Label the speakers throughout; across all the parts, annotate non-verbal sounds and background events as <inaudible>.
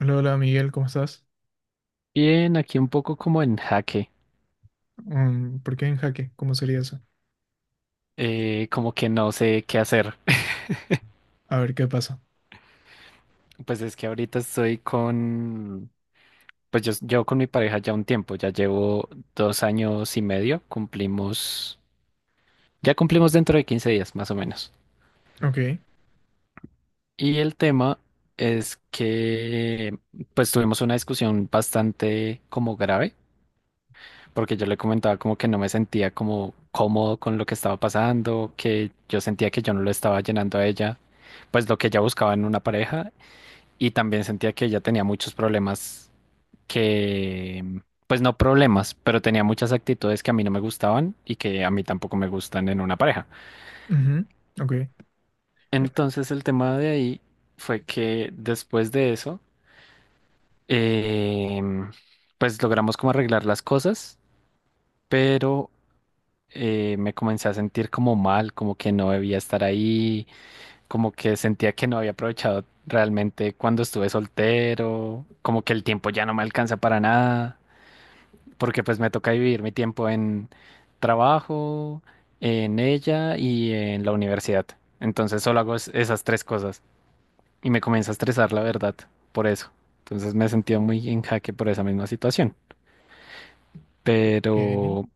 Speaker 1: Hola, hola Miguel, ¿cómo estás?
Speaker 2: Bien, aquí un poco como en jaque,
Speaker 1: Mm, ¿por qué en jaque? ¿Cómo sería eso?
Speaker 2: como que no sé qué hacer. <laughs>
Speaker 1: A ver qué pasa.
Speaker 2: Pues es que ahorita estoy con, pues yo llevo con mi pareja ya un tiempo, ya llevo 2 años y medio, cumplimos, ya cumplimos dentro de 15 días más o menos.
Speaker 1: Ok,
Speaker 2: Y el tema es que pues tuvimos una discusión bastante como grave, porque yo le comentaba como que no me sentía como cómodo con lo que estaba pasando, que yo sentía que yo no lo estaba llenando a ella pues lo que ella buscaba en una pareja y también sentía que ella tenía muchos problemas que, pues no problemas, pero tenía muchas actitudes que a mí no me gustaban y que a mí tampoco me gustan en una pareja.
Speaker 1: ujú, ok,
Speaker 2: Entonces el tema de ahí fue que después de eso, em, pues logramos como arreglar las cosas, pero me comencé a sentir como mal, como que no debía estar ahí, como que sentía que no había aprovechado realmente cuando estuve soltero, como que el tiempo ya no me alcanza para nada. Porque pues me toca vivir mi tiempo en trabajo, en ella y en la universidad. Entonces solo hago esas tres cosas y me comienza a estresar, la verdad, por eso. Entonces me he sentido muy en jaque por esa misma situación.
Speaker 1: ok.
Speaker 2: Pero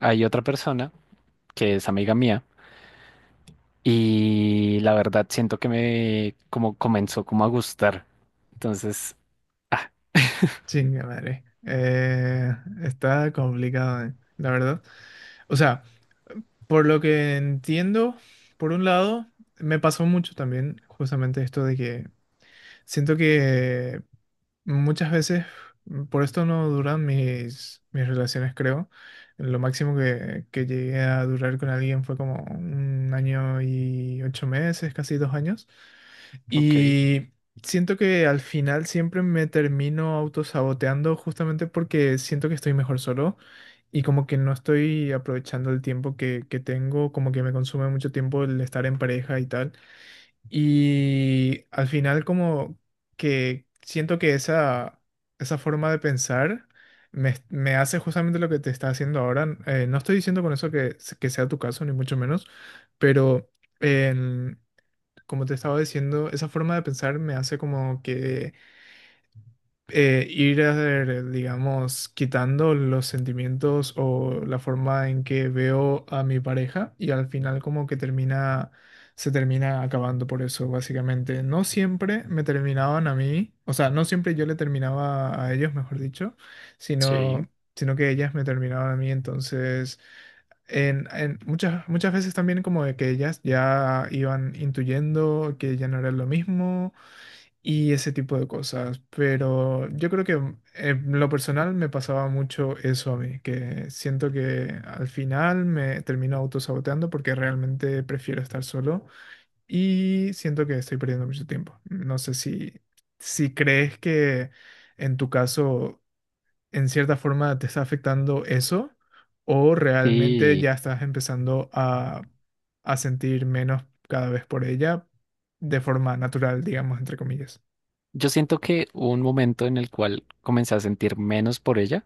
Speaker 2: hay otra persona que es amiga mía y la verdad siento que me como comenzó como a gustar. Entonces, ah,
Speaker 1: Chinga madre. Está complicado, la verdad. O sea, por lo que entiendo, por un lado, me pasó mucho también justamente esto de que siento que muchas veces, por esto no duran mis relaciones, creo. Lo máximo que llegué a durar con alguien fue como 1 año y 8 meses, casi 2 años.
Speaker 2: ok,
Speaker 1: Y siento que al final siempre me termino autosaboteando justamente porque siento que estoy mejor solo y como que no estoy aprovechando el tiempo que tengo, como que me consume mucho tiempo el estar en pareja y tal. Y al final como que siento que esa forma de pensar me hace justamente lo que te está haciendo ahora. No estoy diciendo con eso que, que sea tu caso, ni mucho menos, pero en- como te estaba diciendo, esa forma de pensar me hace como que ir, digamos, quitando los sentimientos o la forma en que veo a mi pareja y al final como que se termina acabando por eso, básicamente. No siempre me terminaban a mí, o sea, no siempre yo le terminaba a ellos, mejor dicho,
Speaker 2: sí.
Speaker 1: sino, sino que ellas me terminaban a mí, entonces... en muchas veces también como de que ellas ya iban intuyendo que ya no era lo mismo y ese tipo de cosas. Pero yo creo que en lo personal me pasaba mucho eso a mí, que siento que al final me termino autosaboteando porque realmente prefiero estar solo y siento que estoy perdiendo mucho tiempo. No sé si crees que en tu caso, en cierta forma, te está afectando eso o realmente
Speaker 2: Y
Speaker 1: ya estás empezando a sentir menos cada vez por ella de forma natural, digamos, entre comillas.
Speaker 2: yo siento que hubo un momento en el cual comencé a sentir menos por ella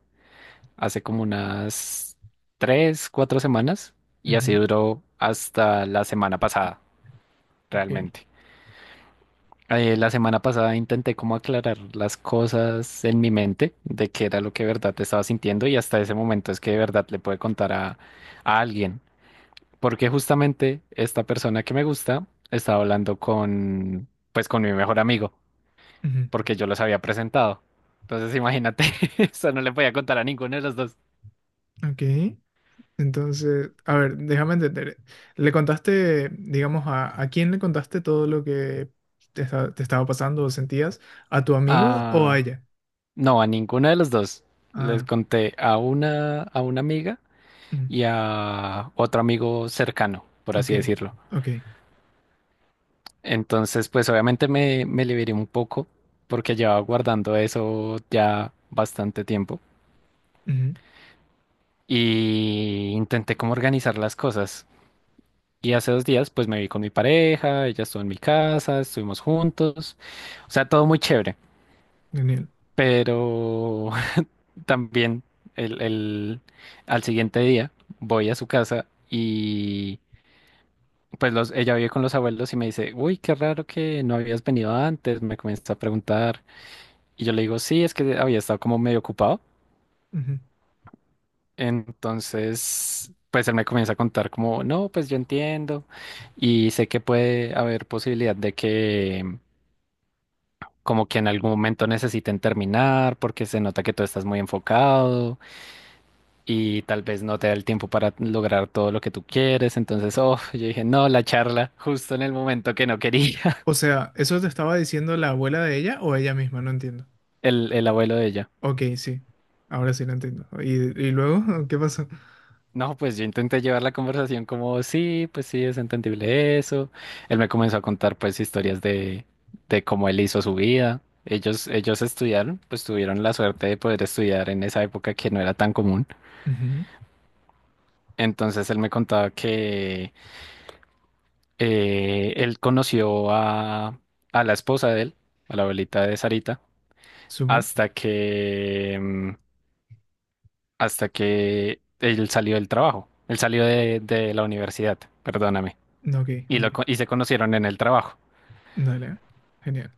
Speaker 2: hace como unas 3, 4 semanas y así
Speaker 1: Ujú.
Speaker 2: duró hasta la semana pasada,
Speaker 1: Ok.
Speaker 2: realmente. La semana pasada intenté como aclarar las cosas en mi mente de qué era lo que de verdad estaba sintiendo y hasta ese momento es que de verdad le pude contar a alguien. Porque justamente esta persona que me gusta estaba hablando con mi mejor amigo,
Speaker 1: Ujú,
Speaker 2: porque yo los había presentado. Entonces imagínate, <laughs> eso no le podía contar a ninguno de los dos.
Speaker 1: ok. Entonces, a ver, déjame entender. ¿Le contaste, digamos, a quién le contaste todo lo que te, te estaba pasando o sentías? ¿A tu amigo o a
Speaker 2: Ah,
Speaker 1: ella?
Speaker 2: no, a ninguna de las dos. Les
Speaker 1: Ah,
Speaker 2: conté a una amiga
Speaker 1: ujú,
Speaker 2: y a otro amigo cercano, por
Speaker 1: ok,
Speaker 2: así decirlo.
Speaker 1: ok.
Speaker 2: Entonces, pues obviamente me liberé un poco porque llevaba guardando eso ya bastante tiempo
Speaker 1: Ujú,
Speaker 2: y intenté como organizar las cosas. Y hace 2 días, pues me vi con mi pareja, ella estuvo en mi casa, estuvimos juntos, o sea, todo muy chévere,
Speaker 1: genial.
Speaker 2: pero también el, el- al siguiente día voy a su casa y pues ella vive con los abuelos y me dice, uy, qué raro que no habías venido antes, me comienza a preguntar y yo le digo, sí, es que había estado como medio ocupado.
Speaker 1: Ujú.
Speaker 2: Entonces, pues él me comienza a contar como, no, pues yo entiendo y sé que puede haber posibilidad de que como que en algún momento necesiten terminar porque se nota que tú estás muy enfocado, y tal vez no te da el tiempo para lograr todo lo que tú quieres. Entonces, oh, yo dije, no, la charla, justo en el momento que no quería.
Speaker 1: O sea, ¿eso te estaba diciendo la abuela de ella o ella misma? No entiendo.
Speaker 2: <laughs> El abuelo de ella.
Speaker 1: Ok, sí. Ahora sí lo entiendo. Y luego <laughs> qué pasó?
Speaker 2: No, pues yo intenté llevar la conversación como, sí, pues sí, es entendible eso. Él me comenzó a contar pues historias de cómo él hizo su vida. Ellos estudiaron, pues tuvieron la suerte de poder estudiar en esa época que no era tan común.
Speaker 1: Ujú,
Speaker 2: Entonces él me contaba que él conoció a la esposa de él, a la abuelita de Sarita,
Speaker 1: súper.
Speaker 2: hasta que, mm, hasta que él salió del trabajo, él salió de la universidad, perdóname,
Speaker 1: Ok,
Speaker 2: y,
Speaker 1: ok.
Speaker 2: y se conocieron en el trabajo.
Speaker 1: Dale. Genial.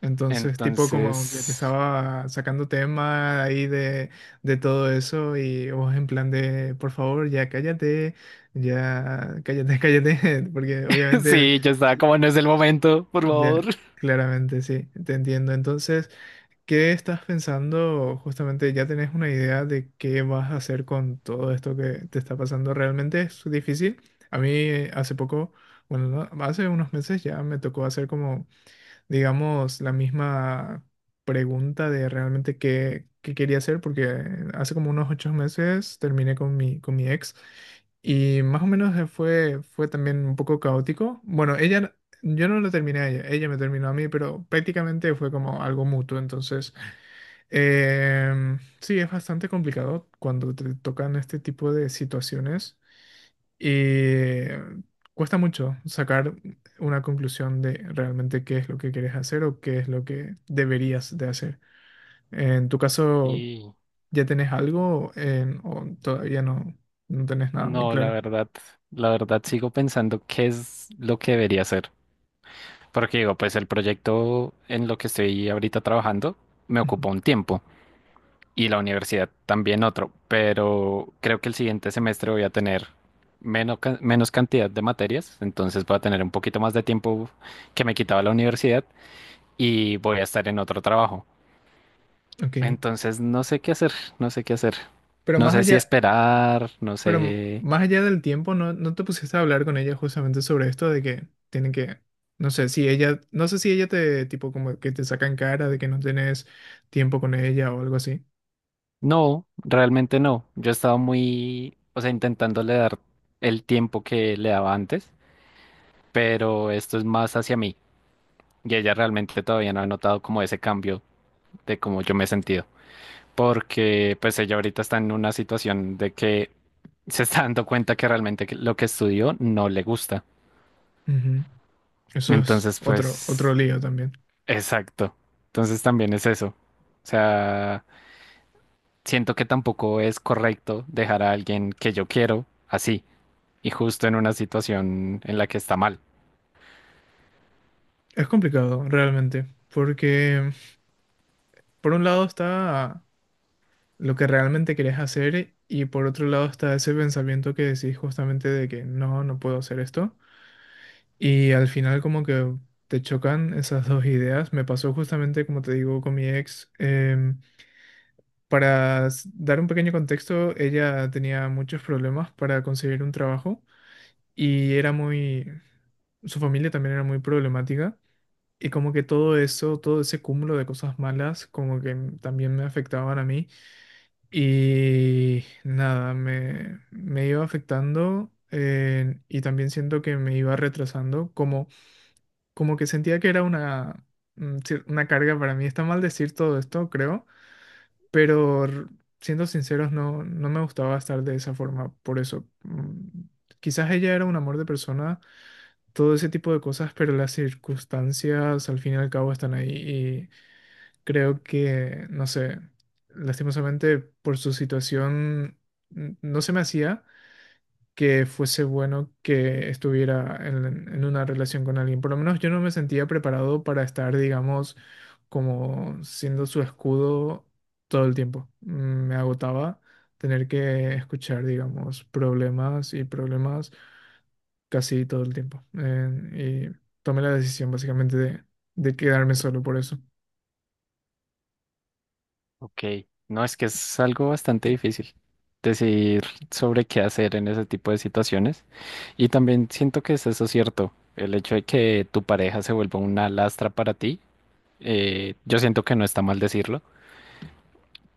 Speaker 1: Entonces, tipo como que te
Speaker 2: Entonces,
Speaker 1: estaba sacando tema ahí de todo eso y vos en plan de, por favor, ya cállate, <laughs> cállate, porque
Speaker 2: <laughs>
Speaker 1: obviamente,
Speaker 2: sí, yo estaba como no es el momento, por favor.
Speaker 1: ya, claramente, sí, te entiendo. Entonces, ¿qué estás pensando? Justamente, ¿ya tenés una idea de qué vas a hacer con todo esto que te está pasando? ¿Realmente es difícil? A mí hace poco, bueno, no, hace unos meses ya me tocó hacer como digamos, la misma pregunta de realmente qué quería hacer, porque hace como unos 8 meses terminé con con mi ex y más o menos fue también un poco caótico. Bueno, ella, yo no lo terminé a ella, ella me terminó a mí, pero prácticamente fue como algo mutuo. Entonces, sí, es bastante complicado cuando te tocan este tipo de situaciones. Eh, cuesta mucho sacar una conclusión de realmente qué es lo que quieres hacer o qué es lo que deberías de hacer. En tu caso,
Speaker 2: Y
Speaker 1: ¿ya tenés algo o todavía no, no tenés nada muy
Speaker 2: no, la
Speaker 1: claro?
Speaker 2: verdad, la verdad sigo pensando qué es lo que debería hacer. Porque digo, pues el proyecto en lo que estoy ahorita trabajando me
Speaker 1: Ujú.
Speaker 2: ocupa un tiempo. Y la universidad también otro, pero creo que el siguiente semestre voy a tener menos, menos cantidad de materias, entonces voy a tener un poquito más de tiempo que me quitaba la universidad y voy a estar en otro trabajo.
Speaker 1: Ok.
Speaker 2: Entonces no sé qué hacer, no sé qué hacer.
Speaker 1: Pero
Speaker 2: No
Speaker 1: más
Speaker 2: sé si
Speaker 1: allá,
Speaker 2: esperar, no
Speaker 1: pero
Speaker 2: sé.
Speaker 1: más allá del tiempo, ¿no, no te pusiste a hablar con ella justamente sobre esto de que tienen que, no sé si ella, no sé si ella te, tipo, como que te saca en cara de que no tenés tiempo con ella o algo así?
Speaker 2: No, realmente no. Yo he estado muy, o sea, intentándole dar el tiempo que le daba antes, pero esto es más hacia mí y ella realmente todavía no ha notado como ese cambio de cómo yo me he sentido, porque pues ella ahorita está en una situación de que se está dando cuenta que realmente lo que estudió no le gusta.
Speaker 1: Ujú. Eso es
Speaker 2: Entonces,
Speaker 1: otro, otro
Speaker 2: pues,
Speaker 1: lío también.
Speaker 2: exacto. Entonces también es eso. O sea, siento que tampoco es correcto dejar a alguien que yo quiero así y justo en una situación en la que está mal.
Speaker 1: Es complicado, realmente, porque por un lado está lo que realmente querés hacer y por otro lado está ese pensamiento que decís justamente de que no, no puedo hacer esto. Y al final como que te chocan esas dos ideas. Me pasó justamente, como te digo, con mi ex. Dar un pequeño contexto, ella tenía muchos problemas para conseguir un trabajo y era muy... Su familia también era muy problemática. Y como que todo eso, todo ese cúmulo de cosas malas, como que también me afectaban a mí. Y nada, me iba afectando y también siento que me iba retrasando, como, como que sentía que era una, una carga para mí. Está mal decir todo esto, creo, pero siendo sinceros, no, no me gustaba estar de esa forma. Por eso, quizás ella era un amor de persona todo ese tipo de cosas, pero las circunstancias al fin y al cabo están ahí. Creo que, no sé, lastimosamente por su situación no se me hacía que fuese bueno que estuviera en una relación con alguien. Por lo menos yo no me sentía preparado para estar, digamos, como siendo su escudo todo el tiempo. Me agotaba tener que escuchar, digamos, problemas y problemas casi todo el tiempo. Y tomé la decisión básicamente de quedarme solo por eso.
Speaker 2: Ok, no es que es algo bastante difícil decidir sobre qué hacer en ese tipo de situaciones. Y también siento que es eso cierto, el hecho de que tu pareja se vuelva una lastra para ti, yo siento que no está mal decirlo,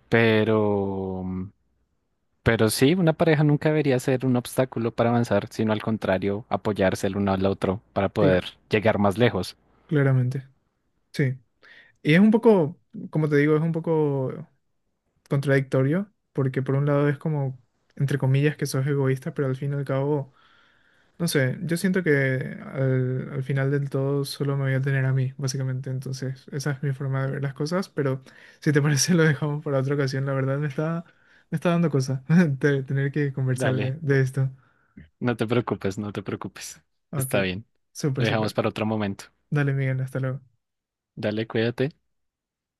Speaker 2: pero, pero sí, una pareja nunca debería ser un obstáculo para avanzar, sino al contrario, apoyarse el uno al otro para poder
Speaker 1: Claro,
Speaker 2: llegar más lejos.
Speaker 1: claramente. Sí. Y es un poco, como te digo, es un poco contradictorio, porque por un lado es como, entre comillas, que sos egoísta, pero al fin y al cabo, no sé, yo siento que al final del todo solo me voy a tener a mí, básicamente. Entonces, esa es mi forma de ver las cosas, pero si te parece <laughs> lo dejamos para otra ocasión. La verdad me está dando cosa <laughs> de tener que conversar
Speaker 2: Dale,
Speaker 1: de esto.
Speaker 2: no te preocupes, no te preocupes.
Speaker 1: Ok,
Speaker 2: Está bien. Lo
Speaker 1: súper,
Speaker 2: dejamos
Speaker 1: súper.
Speaker 2: para otro momento.
Speaker 1: Dale, Miguel, hasta luego.
Speaker 2: Dale, cuídate.